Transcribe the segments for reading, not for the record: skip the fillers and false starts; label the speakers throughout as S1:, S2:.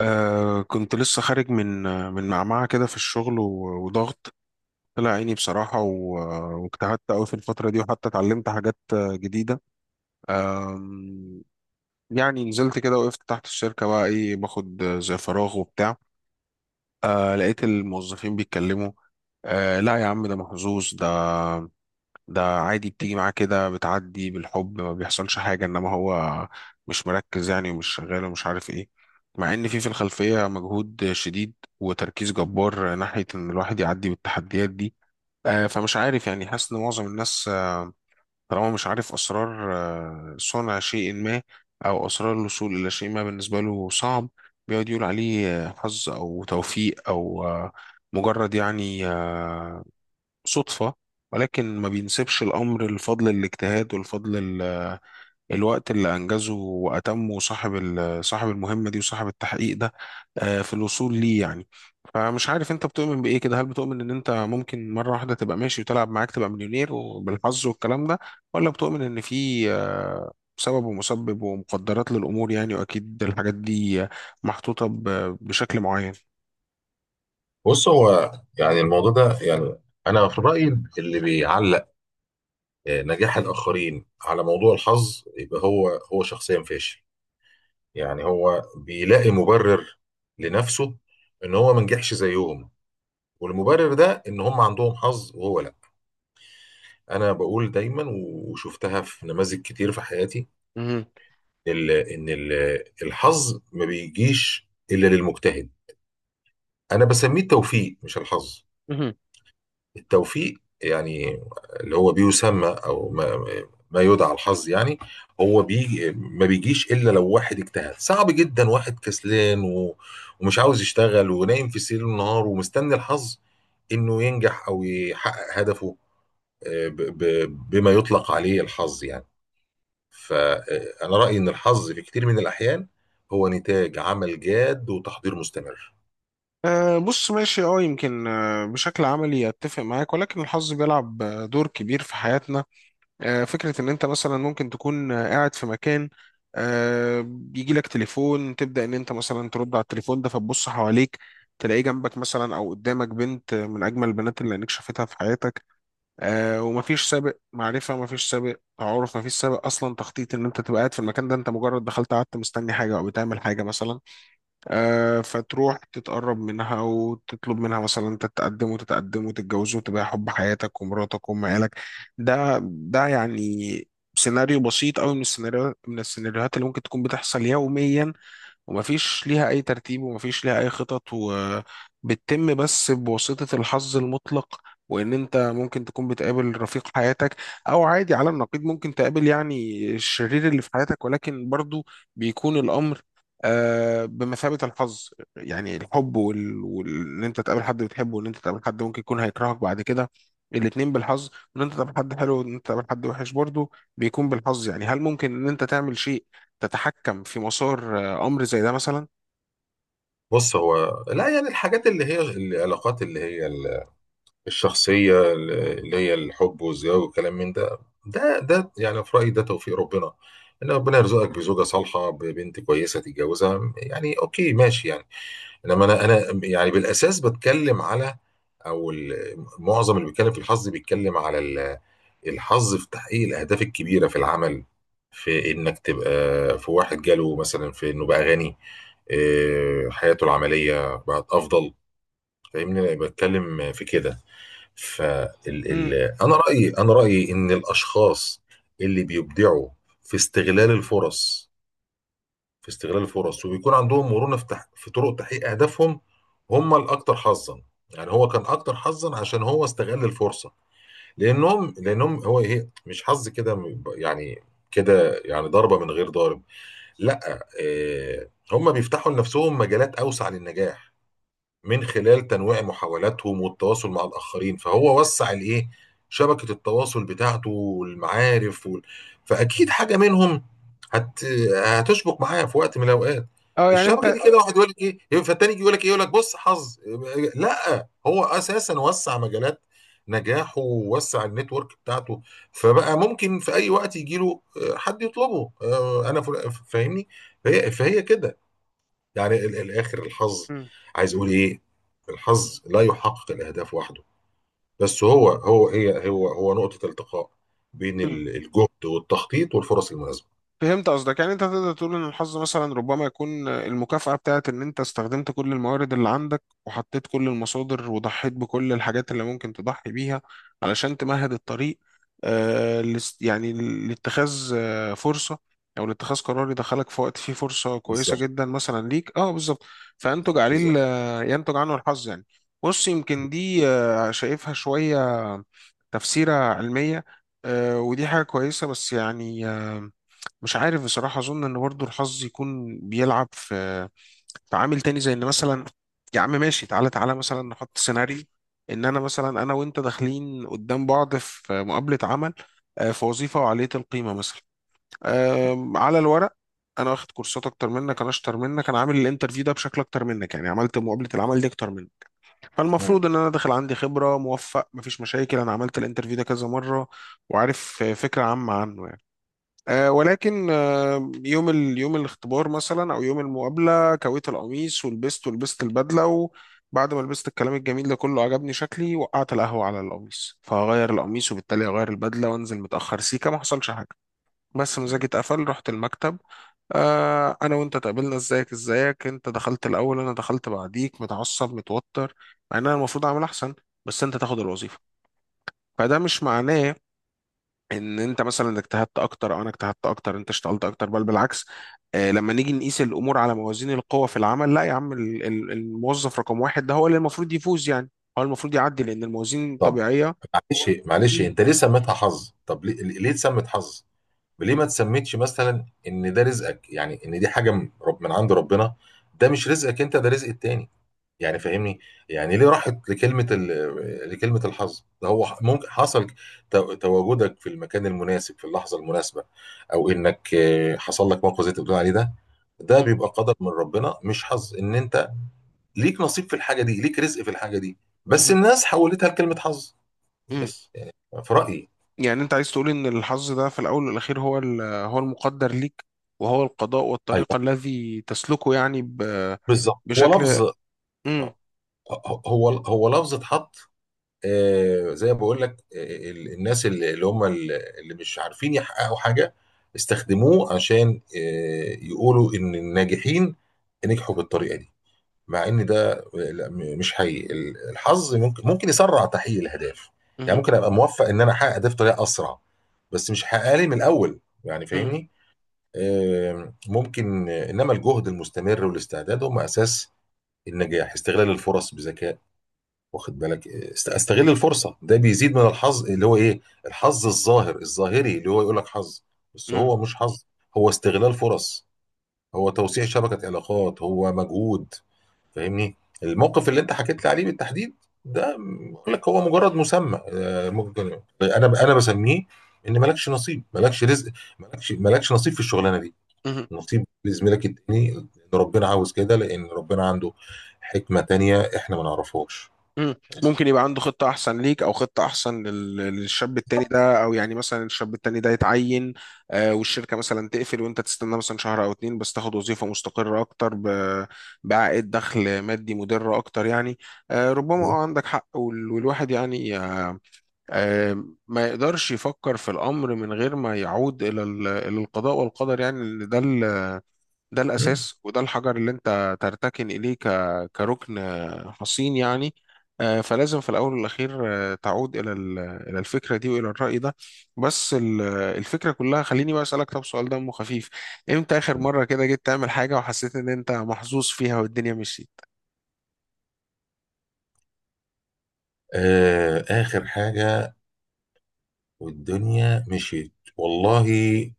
S1: كنت لسه خارج من معمعة كده في الشغل وضغط طلع عيني بصراحة واجتهدت أوي في الفترة دي، وحتى اتعلمت حاجات جديدة. آم، يعني نزلت كده وقفت تحت الشركة، بقى إيه باخد زي فراغ وبتاع. لقيت الموظفين بيتكلموا: لا يا عم، ده محظوظ ده، ده عادي بتيجي معاه كده بتعدي بالحب ما بيحصلش حاجة، انما هو مش مركز يعني ومش شغال ومش عارف ايه. مع ان في الخلفية مجهود شديد وتركيز جبار ناحية ان الواحد يعدي بالتحديات دي. فمش عارف يعني، حاسس ان معظم الناس طالما مش عارف اسرار صنع شيء ما او اسرار الوصول الى شيء ما بالنسبة له صعب، بيقعد يقول عليه حظ او توفيق او مجرد يعني صدفة، ولكن ما بينسبش الأمر لفضل الاجتهاد والفضل ال- الوقت اللي أنجزه وأتمه صاحب صاحب المهمة دي وصاحب التحقيق ده في الوصول ليه يعني. فمش عارف أنت بتؤمن بإيه كده، هل بتؤمن إن أنت ممكن مرة واحدة تبقى ماشي وتلعب معاك تبقى مليونير وبالحظ والكلام ده، ولا بتؤمن إن في سبب ومسبب ومقدرات للأمور يعني، وأكيد الحاجات دي محطوطة بشكل معين؟
S2: بص، هو يعني الموضوع ده يعني، انا في رايي اللي بيعلق نجاح الاخرين على موضوع الحظ يبقى هو شخصيا فاشل. يعني هو بيلاقي مبرر لنفسه ان هو ما نجحش زيهم، والمبرر ده ان هم عندهم حظ وهو لا. انا بقول دايما وشفتها في نماذج كتير في حياتي،
S1: مهم.
S2: الحظ ما بيجيش الا للمجتهد. انا بسميه التوفيق مش الحظ. التوفيق يعني اللي هو بيسمى او ما, ما يدعى الحظ يعني، هو ما بيجيش الا لو واحد اجتهد، صعب جدا واحد كسلان ومش عاوز يشتغل ونايم في سرير النهار ومستني الحظ انه ينجح او يحقق هدفه، آه، ب- بما يطلق عليه الحظ يعني. فانا رايي ان الحظ في كتير من الاحيان هو نتاج عمل جاد وتحضير مستمر.
S1: أه بص ماشي، اه يمكن بشكل عملي اتفق معاك، ولكن الحظ بيلعب دور كبير في حياتنا. أه فكرة ان انت مثلا ممكن تكون قاعد في مكان، أه يجي لك تليفون تبدأ ان انت مثلا ترد على التليفون ده، فتبص حواليك تلاقي جنبك مثلا او قدامك بنت من اجمل البنات اللي عينيك شافتها في حياتك. أه، ومفيش سابق معرفة، مفيش سابق تعارف، مفيش سابق اصلا تخطيط ان انت تبقى قاعد في المكان ده، انت مجرد دخلت قعدت مستني حاجة او بتعمل حاجة مثلا. فتروح تتقرب منها وتطلب منها مثلا، انت تتقدم وتتقدم وتتجوزوا وتبقى حب حياتك ومراتك وام عيالك. ده يعني سيناريو بسيط قوي من السيناريو من السيناريوهات اللي ممكن تكون بتحصل يوميا، ومفيش ليها أي ترتيب ومفيش ليها أي خطط، وبتتم بس بواسطة الحظ المطلق. وإن أنت ممكن تكون بتقابل رفيق حياتك، أو عادي على النقيض ممكن تقابل يعني الشرير اللي في حياتك، ولكن برضو بيكون الأمر بمثابة الحظ. يعني الحب إن أنت تقابل حد بتحبه وإن أنت تقابل حد ممكن يكون هيكرهك بعد كده، الاتنين بالحظ. وإن أنت تقابل حد حلو وإن أنت تقابل حد وحش برضو بيكون بالحظ. يعني هل ممكن إن أنت تعمل شيء تتحكم في مسار امر زي ده مثلا؟
S2: بص، هو لا يعني الحاجات اللي هي العلاقات اللي هي الشخصية اللي هي الحب والزواج والكلام من ده، ده يعني في رأيي ده توفيق ربنا، إن ربنا يرزقك بزوجة صالحة ببنت كويسة تتجوزها، يعني أوكي ماشي يعني. إنما أنا يعني بالأساس بتكلم على معظم اللي بيتكلم في الحظ بيتكلم على الحظ في تحقيق الأهداف الكبيرة في العمل، في إنك تبقى، في واحد جاله مثلا، في إنه بقى غني، حياته العملية بقت أفضل. فاهمني أنا بتكلم في كده. فال
S1: امم،
S2: ال... انا رايي، ان الاشخاص اللي بيبدعوا في استغلال الفرص، وبيكون عندهم مرونه في طرق تحقيق اهدافهم، هم الاكثر حظا. يعني هو كان اكتر حظا عشان هو استغل الفرصه. لانهم لانهم هو ايه، مش حظ كده يعني، كده يعني ضربه من غير ضارب. لا، آه، هم بيفتحوا لنفسهم مجالات اوسع للنجاح من خلال تنويع محاولاتهم والتواصل مع الآخرين، فهو وسع الإيه، شبكة التواصل بتاعته والمعارف فأكيد حاجة منهم هت... هتشبك معاه في وقت من الأوقات.
S1: اه يعني
S2: الشبكة دي
S1: انت.
S2: كده، واحد يقول لك إيه فالتاني يجي يقول لك إيه، يقول لك بص حظ. لا، هو أساسا وسع مجالات نجاحه ووسع النتورك بتاعته، فبقى ممكن في أي وقت يجي له حد يطلبه. أنا فاهمني. فهي كده يعني الاخر الحظ.
S1: مم.
S2: عايز اقول ايه، الحظ لا يحقق الاهداف وحده، بس هو هو هي هو هو نقطة التقاء بين
S1: مم.
S2: الجهد والتخطيط والفرص المناسبة.
S1: فهمت قصدك. يعني انت تقدر تقول ان الحظ مثلا ربما يكون المكافأة بتاعت ان انت استخدمت كل الموارد اللي عندك، وحطيت كل المصادر، وضحيت بكل الحاجات اللي ممكن تضحي بيها علشان تمهد الطريق يعني لاتخاذ آه فرصة، او لاتخاذ قرار يدخلك في وقت فيه فرصة كويسة
S2: بالظبط،
S1: جدا مثلا ليك، اه بالظبط، فينتج عليه
S2: بالظبط.
S1: ينتج عنه الحظ يعني. بص، يمكن دي آه شايفها شوية تفسيرة علمية، آه ودي حاجة كويسة، بس يعني مش عارف بصراحة. أظن إن برضه الحظ يكون بيلعب في في عامل تاني، زي إن مثلا يا عم ماشي، تعالى مثلا نحط سيناريو إن أنا مثلا، أنا وأنت داخلين قدام بعض في مقابلة عمل في وظيفة وعالية القيمة مثلا. على الورق، أنا واخد كورسات أكتر منك، أنا أشطر منك، أنا عامل الانترفيو ده بشكل أكتر منك، يعني عملت مقابلة العمل دي أكتر منك، فالمفروض إن أنا داخل عندي خبرة موفق مفيش مشاكل، أنا عملت الانترفيو ده كذا مرة وعارف فكرة عامة عنه. ولكن يوم يوم الاختبار مثلا او يوم المقابله، كويت القميص ولبست ولبست البدله، وبعد ما لبست الكلام الجميل ده كله عجبني شكلي، وقعت القهوه على القميص، فهغير القميص وبالتالي هغير البدله، وانزل متاخر. سيكه، ما حصلش حاجه، بس مزاجي اتقفل. رحت المكتب، آه انا وانت اتقابلنا، ازيك ازيك، انت دخلت الاول، انا دخلت بعديك متعصب متوتر، مع ان انا المفروض اعمل احسن، بس انت تاخد الوظيفه. فده مش معناه ان انت مثلا اجتهدت اكتر، او انا اجتهدت اكتر، انت اشتغلت اكتر، بل بالعكس. لما نيجي نقيس الامور على موازين القوى في العمل، لا يا عم، الموظف رقم واحد ده هو اللي المفروض يفوز يعني، هو المفروض يعدي لان الموازين
S2: طب،
S1: طبيعية.
S2: معلش معلش،
S1: مم،
S2: انت ليه سميتها حظ؟ طب ليه، ليه اتسمت حظ؟ ليه ما تسميتش مثلا ان ده رزقك، يعني ان دي حاجة من عند ربنا؟ ده مش رزقك انت، ده رزق التاني، يعني فاهمني. يعني ليه راحت لكلمة لكلمة الحظ؟ ده هو ممكن حصل تواجدك في المكان المناسب في اللحظة المناسبة، او انك حصل لك موقف زي اللي بتقول عليه ده، ده
S1: مهم،
S2: بيبقى قدر من ربنا مش حظ. ان انت ليك نصيب في الحاجة دي، ليك رزق في الحاجة دي، بس
S1: مهم،
S2: الناس حولتها لكلمة حظ.
S1: مم.
S2: بس يعني، في رأيي.
S1: يعني انت عايز تقول ان الحظ ده في الاول والاخير هو هو المقدر ليك، وهو القضاء
S2: ايوه
S1: والطريقة الذي تسلكه يعني،
S2: بالظبط، هو
S1: بشكل.
S2: لفظ.
S1: مم،
S2: آه، هو لفظ اتحط، زي ما بقول لك، الناس اللي مش عارفين يحققوا حاجة استخدموه عشان يقولوا إن الناجحين نجحوا بالطريقة دي، مع إن ده لا، مش حقيقي. الحظ ممكن يسرع تحقيق الأهداف، يعني
S1: مهم،
S2: ممكن أبقى موفق إن أنا أحقق ده بطريقة أسرع، بس مش هحققها لي من الأول يعني
S1: مهم،
S2: فاهمني. آه، ممكن آه، إنما الجهد المستمر والاستعداد هم أساس النجاح، استغلال الفرص بذكاء. واخد بالك، استغل الفرصه ده بيزيد من الحظ، اللي هو ايه، الحظ الظاهر الظاهري اللي هو يقول لك حظ، بس
S1: مهم،
S2: هو مش حظ، هو استغلال فرص، هو توسيع شبكه علاقات، هو مجهود، فاهمني. الموقف اللي انت حكيت لي عليه بالتحديد ده بقول لك هو مجرد مسمى. ممكن انا بسميه ان مالكش نصيب، مالكش رزق، مالكش نصيب في الشغلانه دي،
S1: مهم.
S2: نصيب لزميلك التاني لأن ربنا عاوز كده، لان ربنا عنده حكمه تانيه احنا ما نعرفهاش.
S1: مم.
S2: بس.
S1: ممكن يبقى عنده خطة أحسن ليك، أو خطة أحسن للشاب التاني ده، أو يعني مثلا الشاب التاني ده يتعين والشركة مثلا تقفل، وأنت تستنى مثلا شهر أو اتنين بس تاخد وظيفة مستقرة أكتر بعائد دخل مادي مدر أكتر يعني. ربما أه عندك حق، والواحد يعني ما يقدرش يفكر في الأمر من غير ما يعود إلى إلى القضاء والقدر يعني، لأن ده ده
S2: مم.
S1: الأساس، وده الحجر اللي أنت ترتكن إليه كركن حصين يعني. فلازم في الأول والأخير تعود إلى إلى الفكرة دي وإلى الرأي ده. بس الفكرة كلها، خليني بقى أسألك طب سؤال دمه خفيف: إمتى آخر مرة كده جيت تعمل حاجة وحسيت إن أنت محظوظ فيها والدنيا مشيت؟
S2: آه، آخر حاجة والدنيا مشيت، والله،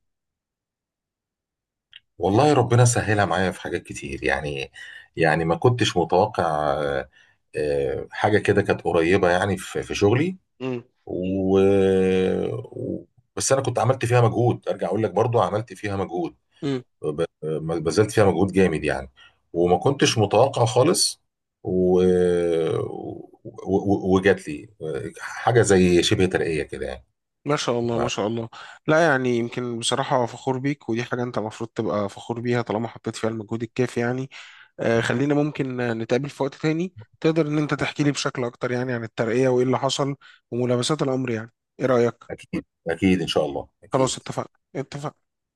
S2: والله ربنا سهلها معايا في حاجات كتير يعني. يعني ما كنتش متوقع آه حاجة كده كانت قريبة يعني في شغلي.
S1: مم.
S2: و... و- بس أنا كنت عملت فيها مجهود، أرجع أقول لك برضو عملت فيها مجهود،
S1: مم.
S2: ما بذلت فيها مجهود جامد يعني، وما كنتش متوقع خالص، و... و... وجات لي حاجة زي شبه ترقية كده يعني.
S1: ما شاء الله ما شاء الله. لا يعني يمكن بصراحة فخور بيك، ودي حاجة أنت المفروض تبقى فخور بيها طالما حطيت فيها المجهود الكافي يعني. خلينا ممكن نتقابل في وقت تاني، تقدر ان انت تحكي لي بشكل اكتر يعني عن الترقية وايه اللي حصل وملامسات الامر يعني. ايه رأيك؟
S2: اكيد اكيد ان شاء الله
S1: خلاص،
S2: اكيد.
S1: اتفقنا اتفقنا.